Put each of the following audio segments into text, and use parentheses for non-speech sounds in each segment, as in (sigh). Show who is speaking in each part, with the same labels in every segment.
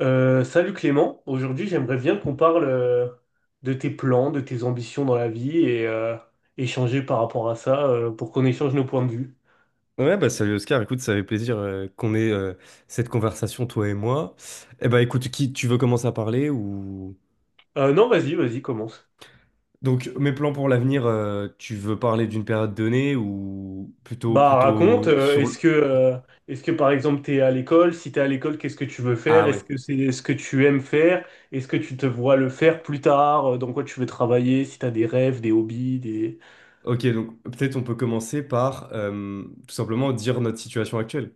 Speaker 1: Salut Clément, aujourd'hui j'aimerais bien qu'on parle de tes plans, de tes ambitions dans la vie et échanger par rapport à ça pour qu'on échange nos points de vue.
Speaker 2: Ouais, bah salut Oscar, écoute, ça fait plaisir qu'on ait cette conversation, toi et moi. Eh bah écoute, qui tu veux commencer à parler ou...
Speaker 1: Non, vas-y, vas-y, commence.
Speaker 2: Donc mes plans pour l'avenir, tu veux parler d'une période donnée ou plutôt
Speaker 1: Bah raconte,
Speaker 2: plutôt sur...
Speaker 1: est-ce que par exemple t'es à l'école? Si t'es à l'école, qu'est-ce que tu veux faire?
Speaker 2: Ah
Speaker 1: Est-ce
Speaker 2: ouais,
Speaker 1: que c'est ce que tu aimes faire? Est-ce que tu te vois le faire plus tard? Dans quoi tu veux travailler? Si t'as des rêves, des hobbies, des...
Speaker 2: ok, donc peut-être on peut commencer par tout simplement dire notre situation actuelle,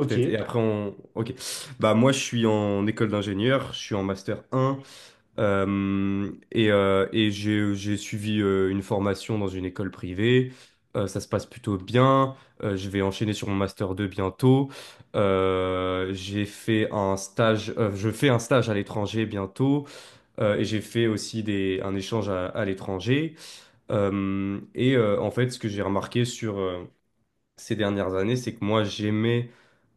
Speaker 2: peut-être. Et après on... Ok, bah moi je suis en école d'ingénieur, je suis en master un. Et et j'ai suivi une formation dans une école privée. Ça se passe plutôt bien. Je vais enchaîner sur mon master 2 bientôt. J'ai fait un stage, je fais un stage à l'étranger bientôt. Et j'ai fait aussi un échange à l'étranger. Et en fait, ce que j'ai remarqué sur, ces dernières années, c'est que moi, j'aimais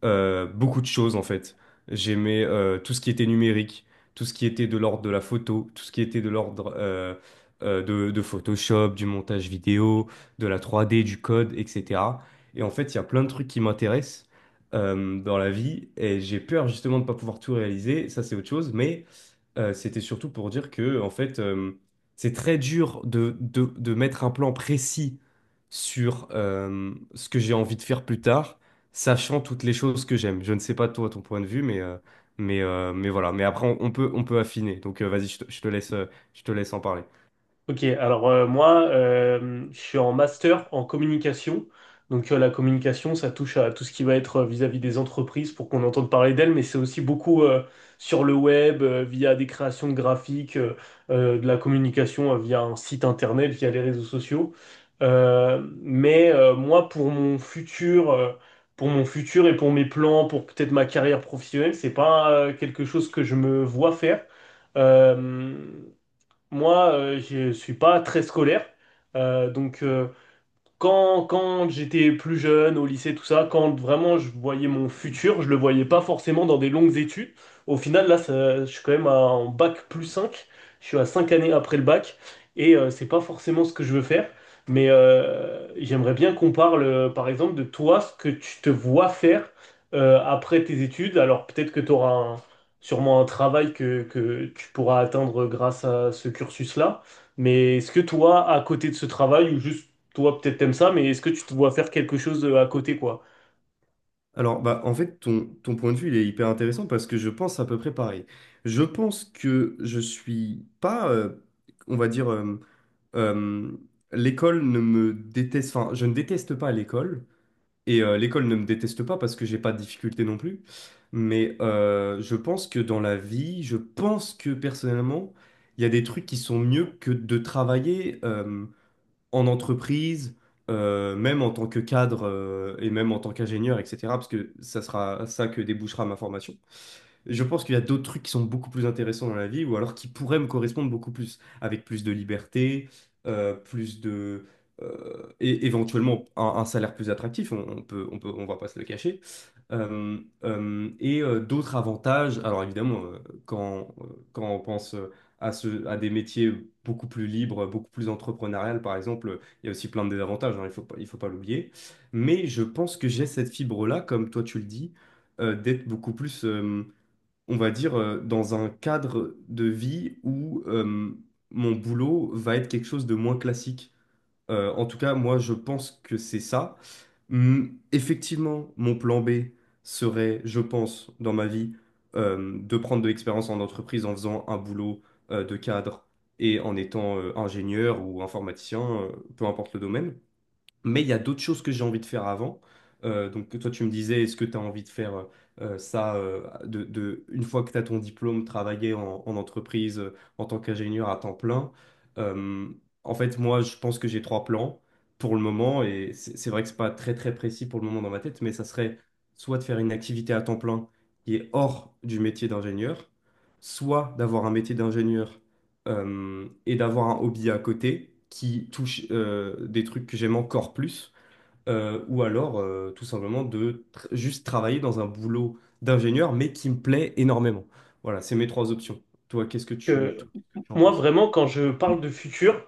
Speaker 2: beaucoup de choses en fait. J'aimais tout ce qui était numérique, tout ce qui était de l'ordre de la photo, tout ce qui était de l'ordre de Photoshop, du montage vidéo, de la 3D, du code, etc. Et en fait, il y a plein de trucs qui m'intéressent dans la vie et j'ai peur justement de ne pas pouvoir tout réaliser, ça c'est autre chose, mais c'était surtout pour dire que, en fait, c'est très dur de, de mettre un plan précis sur ce que j'ai envie de faire plus tard, sachant toutes les choses que j'aime. Je ne sais pas toi, ton point de vue, mais voilà. Mais après, on, on peut affiner. Donc, vas-y, je te laisse en parler.
Speaker 1: Alors, je suis en master en communication. Donc la communication, ça touche à tout ce qui va être vis-à-vis des entreprises pour qu'on entende parler d'elles, mais c'est aussi beaucoup sur le web, via des créations de graphiques, de la communication via un site internet, via les réseaux sociaux. Mais pour mon futur et pour mes plans, pour peut-être ma carrière professionnelle, c'est pas quelque chose que je me vois faire. Euh, moi, je suis pas très scolaire, donc quand j'étais plus jeune, au lycée, tout ça, quand vraiment je voyais mon futur, je le voyais pas forcément dans des longues études. Au final, là, je suis quand même en bac plus cinq. Je suis à 5 années après le bac. Et c'est pas forcément ce que je veux faire. Mais j'aimerais bien qu'on parle, par exemple, de toi, ce que tu te vois faire après tes études. Alors peut-être que tu auras sûrement un travail que tu pourras atteindre grâce à ce cursus-là. Mais est-ce que toi, à côté de ce travail, ou juste toi, peut-être t'aimes ça, mais est-ce que tu te vois faire quelque chose à côté, quoi?
Speaker 2: Alors, bah, en fait, ton, ton point de vue, il est hyper intéressant parce que je pense à peu près pareil. Je pense que je suis pas, on va dire, euh, l'école ne me déteste, enfin, je ne déteste pas l'école, et l'école ne me déteste pas parce que j'ai pas de difficultés non plus, mais je pense que dans la vie, je pense que personnellement, il y a des trucs qui sont mieux que de travailler en entreprise, même en tant que cadre et même en tant qu'ingénieur, etc. Parce que ça sera ça que débouchera ma formation. Je pense qu'il y a d'autres trucs qui sont beaucoup plus intéressants dans la vie ou alors qui pourraient me correspondre beaucoup plus, avec plus de liberté, plus de... et éventuellement un salaire plus attractif, on, on va pas se le cacher. Euh, et d'autres avantages, alors évidemment, quand, quand on pense... à, ce, à des métiers beaucoup plus libres, beaucoup plus entrepreneuriales, par exemple. Il y a aussi plein de désavantages, hein, il faut pas l'oublier. Mais je pense que j'ai cette fibre-là, comme toi tu le dis, d'être beaucoup plus, on va dire, dans un cadre de vie où mon boulot va être quelque chose de moins classique. En tout cas, moi, je pense que c'est ça. Hmm, effectivement, mon plan B serait, je pense, dans ma vie, de prendre de l'expérience en entreprise en faisant un boulot de cadre et en étant ingénieur ou informaticien, peu importe le domaine. Mais il y a d'autres choses que j'ai envie de faire avant. Donc toi, tu me disais, est-ce que tu as envie de faire ça de, une fois que tu as ton diplôme, travailler en, en entreprise en tant qu'ingénieur à temps plein? Euh, En fait, moi, je pense que j'ai trois plans pour le moment, et c'est vrai que c'est pas très précis pour le moment dans ma tête, mais ça serait soit de faire une activité à temps plein qui est hors du métier d'ingénieur, soit d'avoir un métier d'ingénieur et d'avoir un hobby à côté qui touche des trucs que j'aime encore plus, ou alors tout simplement de juste travailler dans un boulot d'ingénieur, mais qui me plaît énormément. Voilà, c'est mes trois options. Toi, qu'est-ce que tu,
Speaker 1: Que,
Speaker 2: toi, qu'est-ce que tu en
Speaker 1: moi,
Speaker 2: penses?
Speaker 1: vraiment, quand je parle de futur,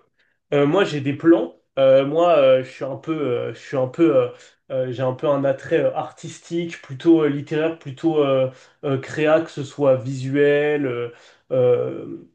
Speaker 1: moi, j'ai des plans. Moi, je suis un peu, je suis un peu, j'ai un peu un attrait artistique, plutôt littéraire, plutôt créa, que ce soit visuel. Euh,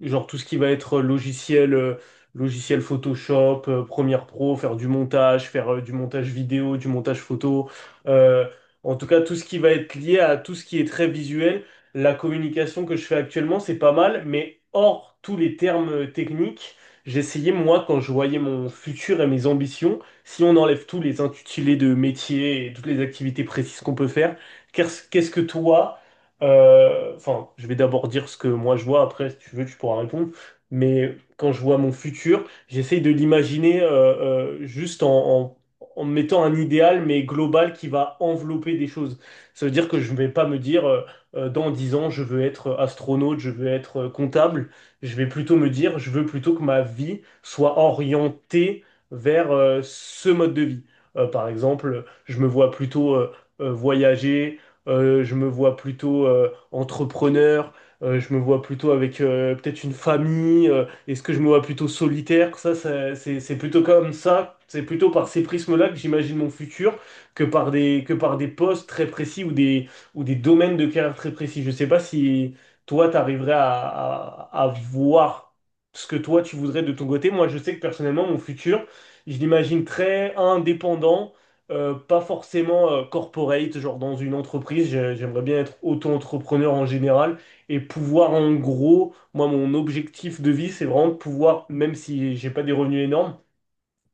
Speaker 1: Genre tout ce qui va être logiciel, logiciel Photoshop, Premiere Pro, faire du montage vidéo, du montage photo. Euh, en tout cas, tout ce qui va être lié à tout ce qui est très visuel. La communication que je fais actuellement, c'est pas mal, mais hors tous les termes techniques, j'essayais, moi, quand je voyais mon futur et mes ambitions, si on enlève tous les intitulés de métier et toutes les activités précises qu'on peut faire, qu'est-ce que toi... Enfin, je vais d'abord dire ce que moi je vois, après, si tu veux, tu pourras répondre. Mais quand je vois mon futur, j'essaye de l'imaginer juste en mettant un idéal, mais global, qui va envelopper des choses. Ça veut dire que je ne vais pas me dire, dans 10 ans, je veux être astronaute, je veux être comptable. Je vais plutôt me dire, je veux plutôt que ma vie soit orientée vers ce mode de vie. Par exemple, je me vois plutôt... voyager, je me vois plutôt entrepreneur. Je me vois plutôt avec peut-être une famille. Est-ce que je me vois plutôt solitaire? C'est plutôt comme ça. C'est plutôt par ces prismes-là que j'imagine mon futur que par des postes très précis ou des domaines de carrière très précis. Je ne sais pas si toi, tu arriverais à voir ce que toi, tu voudrais de ton côté. Moi, je sais que personnellement, mon futur, je l'imagine très indépendant, pas forcément corporate, genre dans une entreprise. J'aimerais bien être auto-entrepreneur en général et pouvoir en gros, moi mon objectif de vie, c'est vraiment de pouvoir, même si j'ai pas des revenus énormes,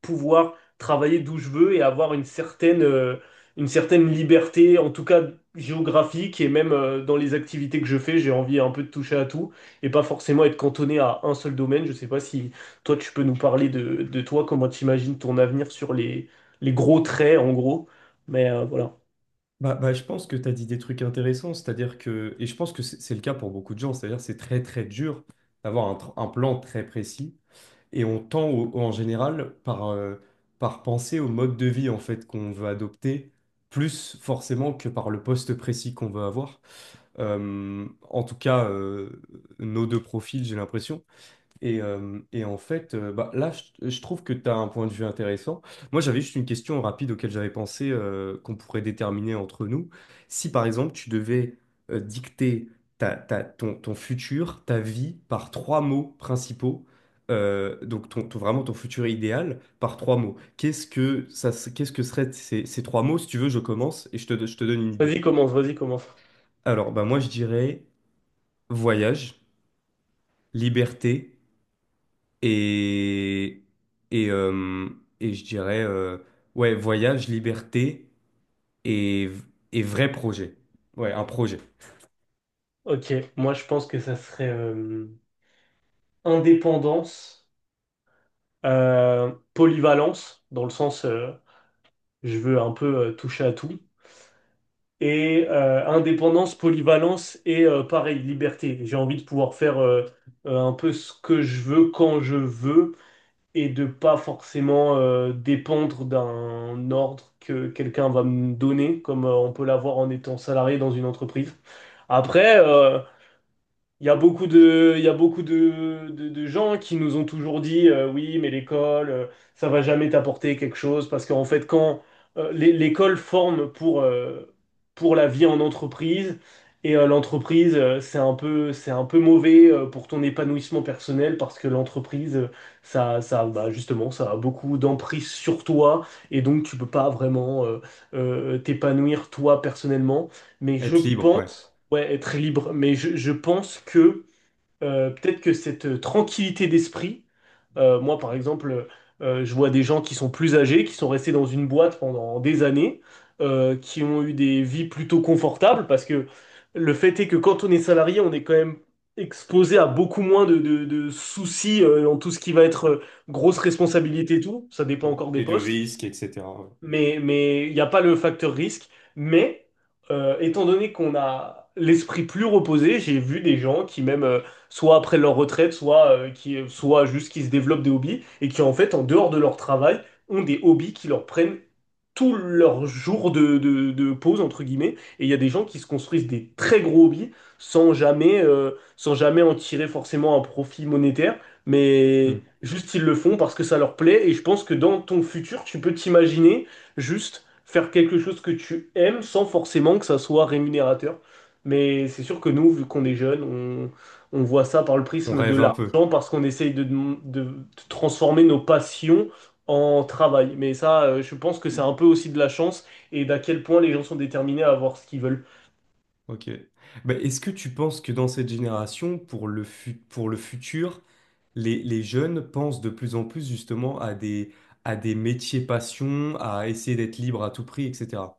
Speaker 1: pouvoir travailler d'où je veux et avoir une certaine liberté, en tout cas géographique, et même dans les activités que je fais, j'ai envie un peu de toucher à tout, et pas forcément être cantonné à un seul domaine. Je sais pas si toi, tu peux nous parler de toi, comment tu imagines ton avenir sur les gros traits, en gros. Mais voilà.
Speaker 2: Bah, bah, je pense que tu as dit des trucs intéressants, c'est-à-dire que, et je pense que c'est le cas pour beaucoup de gens, c'est-à-dire c'est très dur d'avoir un, un plan très précis. Et on tend en général par, par penser au mode de vie en fait qu'on veut adopter, plus forcément que par le poste précis qu'on veut avoir. En tout cas, nos deux profils, j'ai l'impression. Et en fait, bah, là, je trouve que tu as un point de vue intéressant. Moi, j'avais juste une question rapide auquel j'avais pensé qu'on pourrait déterminer entre nous. Si, par exemple, tu devais dicter ta, ton, ton futur, ta vie, par trois mots principaux, donc ton, vraiment ton futur idéal, par trois mots, qu'est-ce que ça, qu'est-ce que seraient ces, ces trois mots? Si tu veux, je commence et je te donne une
Speaker 1: Vas-y,
Speaker 2: idée.
Speaker 1: commence, vas-y, commence.
Speaker 2: Alors, bah, moi, je dirais voyage, liberté. Et, et, euh, et je dirais, ouais, voyage, liberté et, et vrai projet. Ouais, un projet.
Speaker 1: Ok, moi je pense que ça serait indépendance, polyvalence, dans le sens je veux un peu toucher à tout, et indépendance, polyvalence et, pareil, liberté. J'ai envie de pouvoir faire un peu ce que je veux quand je veux et de pas forcément dépendre d'un ordre que quelqu'un va me donner, comme on peut l'avoir en étant salarié dans une entreprise. Après, il y a beaucoup de, il y a beaucoup de gens qui nous ont toujours dit oui, mais l'école, ça va jamais t'apporter quelque chose parce qu'en fait, quand l'école forme pour la vie en entreprise et l'entreprise, c'est un peu mauvais pour ton épanouissement personnel parce que l'entreprise, justement, ça a beaucoup d'emprise sur toi et donc tu peux pas vraiment t'épanouir toi personnellement. Mais je
Speaker 2: Être libre, ouais.
Speaker 1: pense... Ouais, être libre. Mais je pense que peut-être que cette tranquillité d'esprit, moi par exemple, je vois des gens qui sont plus âgés, qui sont restés dans une boîte pendant des années, qui ont eu des vies plutôt confortables, parce que le fait est que quand on est salarié, on est quand même exposé à beaucoup moins de soucis dans tout ce qui va être grosse responsabilité et tout. Ça dépend
Speaker 2: Mm.
Speaker 1: encore des
Speaker 2: Et de
Speaker 1: postes,
Speaker 2: risques, etc. ouais.
Speaker 1: mais il n'y a pas le facteur risque. Mais étant donné qu'on a l'esprit plus reposé, j'ai vu des gens qui même soit après leur retraite, soit juste qui se développent des hobbies et qui en fait en dehors de leur travail ont des hobbies qui leur prennent tous leurs jours de pause entre guillemets. Et il y a des gens qui se construisent des très gros hobbies sans jamais sans jamais en tirer forcément un profit monétaire, mais
Speaker 2: Hmm.
Speaker 1: juste, ils le font parce que ça leur plaît. Et je pense que dans ton futur, tu peux t'imaginer juste faire quelque chose que tu aimes sans forcément que ça soit rémunérateur. Mais c'est sûr que nous, vu qu'on est jeunes, on voit ça par le
Speaker 2: On
Speaker 1: prisme de
Speaker 2: rêve un peu.
Speaker 1: l'argent parce qu'on essaye de, de transformer nos passions en travail. Mais ça, je pense que c'est un peu aussi de la chance et d'à quel point les gens sont déterminés à avoir ce qu'ils veulent.
Speaker 2: Ok. Bah, est-ce que tu penses que dans cette génération, pour le pour le futur, les jeunes pensent de plus en plus justement à des métiers passion à essayer d'être libre à tout prix, etc.?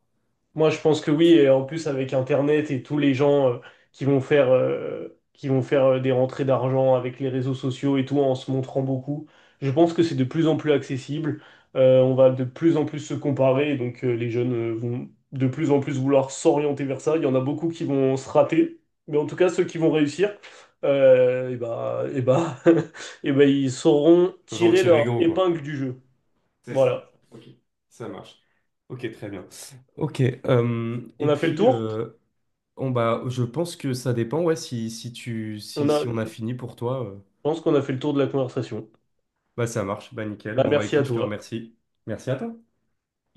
Speaker 1: Moi, je pense que oui, et en plus avec Internet et tous les gens qui vont faire des rentrées d'argent avec les réseaux sociaux et tout en se montrant beaucoup, je pense que c'est de plus en plus accessible. On va de plus en plus se comparer, donc les jeunes vont de plus en plus vouloir s'orienter vers ça. Il y en a beaucoup qui vont se rater, mais en tout cas ceux qui vont réussir, et bah, (laughs) ils sauront
Speaker 2: Ils peuvent en
Speaker 1: tirer
Speaker 2: tirer
Speaker 1: leur
Speaker 2: gros, quoi.
Speaker 1: épingle du jeu.
Speaker 2: C'est ça.
Speaker 1: Voilà.
Speaker 2: Ok. Ça marche. Ok, très bien. Ok.
Speaker 1: On
Speaker 2: Et
Speaker 1: a fait le
Speaker 2: puis,
Speaker 1: tour.
Speaker 2: on, bah, je pense que ça dépend. Ouais, si, si tu,
Speaker 1: On
Speaker 2: si,
Speaker 1: a,
Speaker 2: si on a
Speaker 1: je
Speaker 2: fini pour toi,
Speaker 1: pense qu'on a fait le tour de la conversation.
Speaker 2: bah ça marche. Bah nickel.
Speaker 1: Bah,
Speaker 2: Bon bah
Speaker 1: merci à
Speaker 2: écoute, je te
Speaker 1: toi.
Speaker 2: remercie. Merci à toi.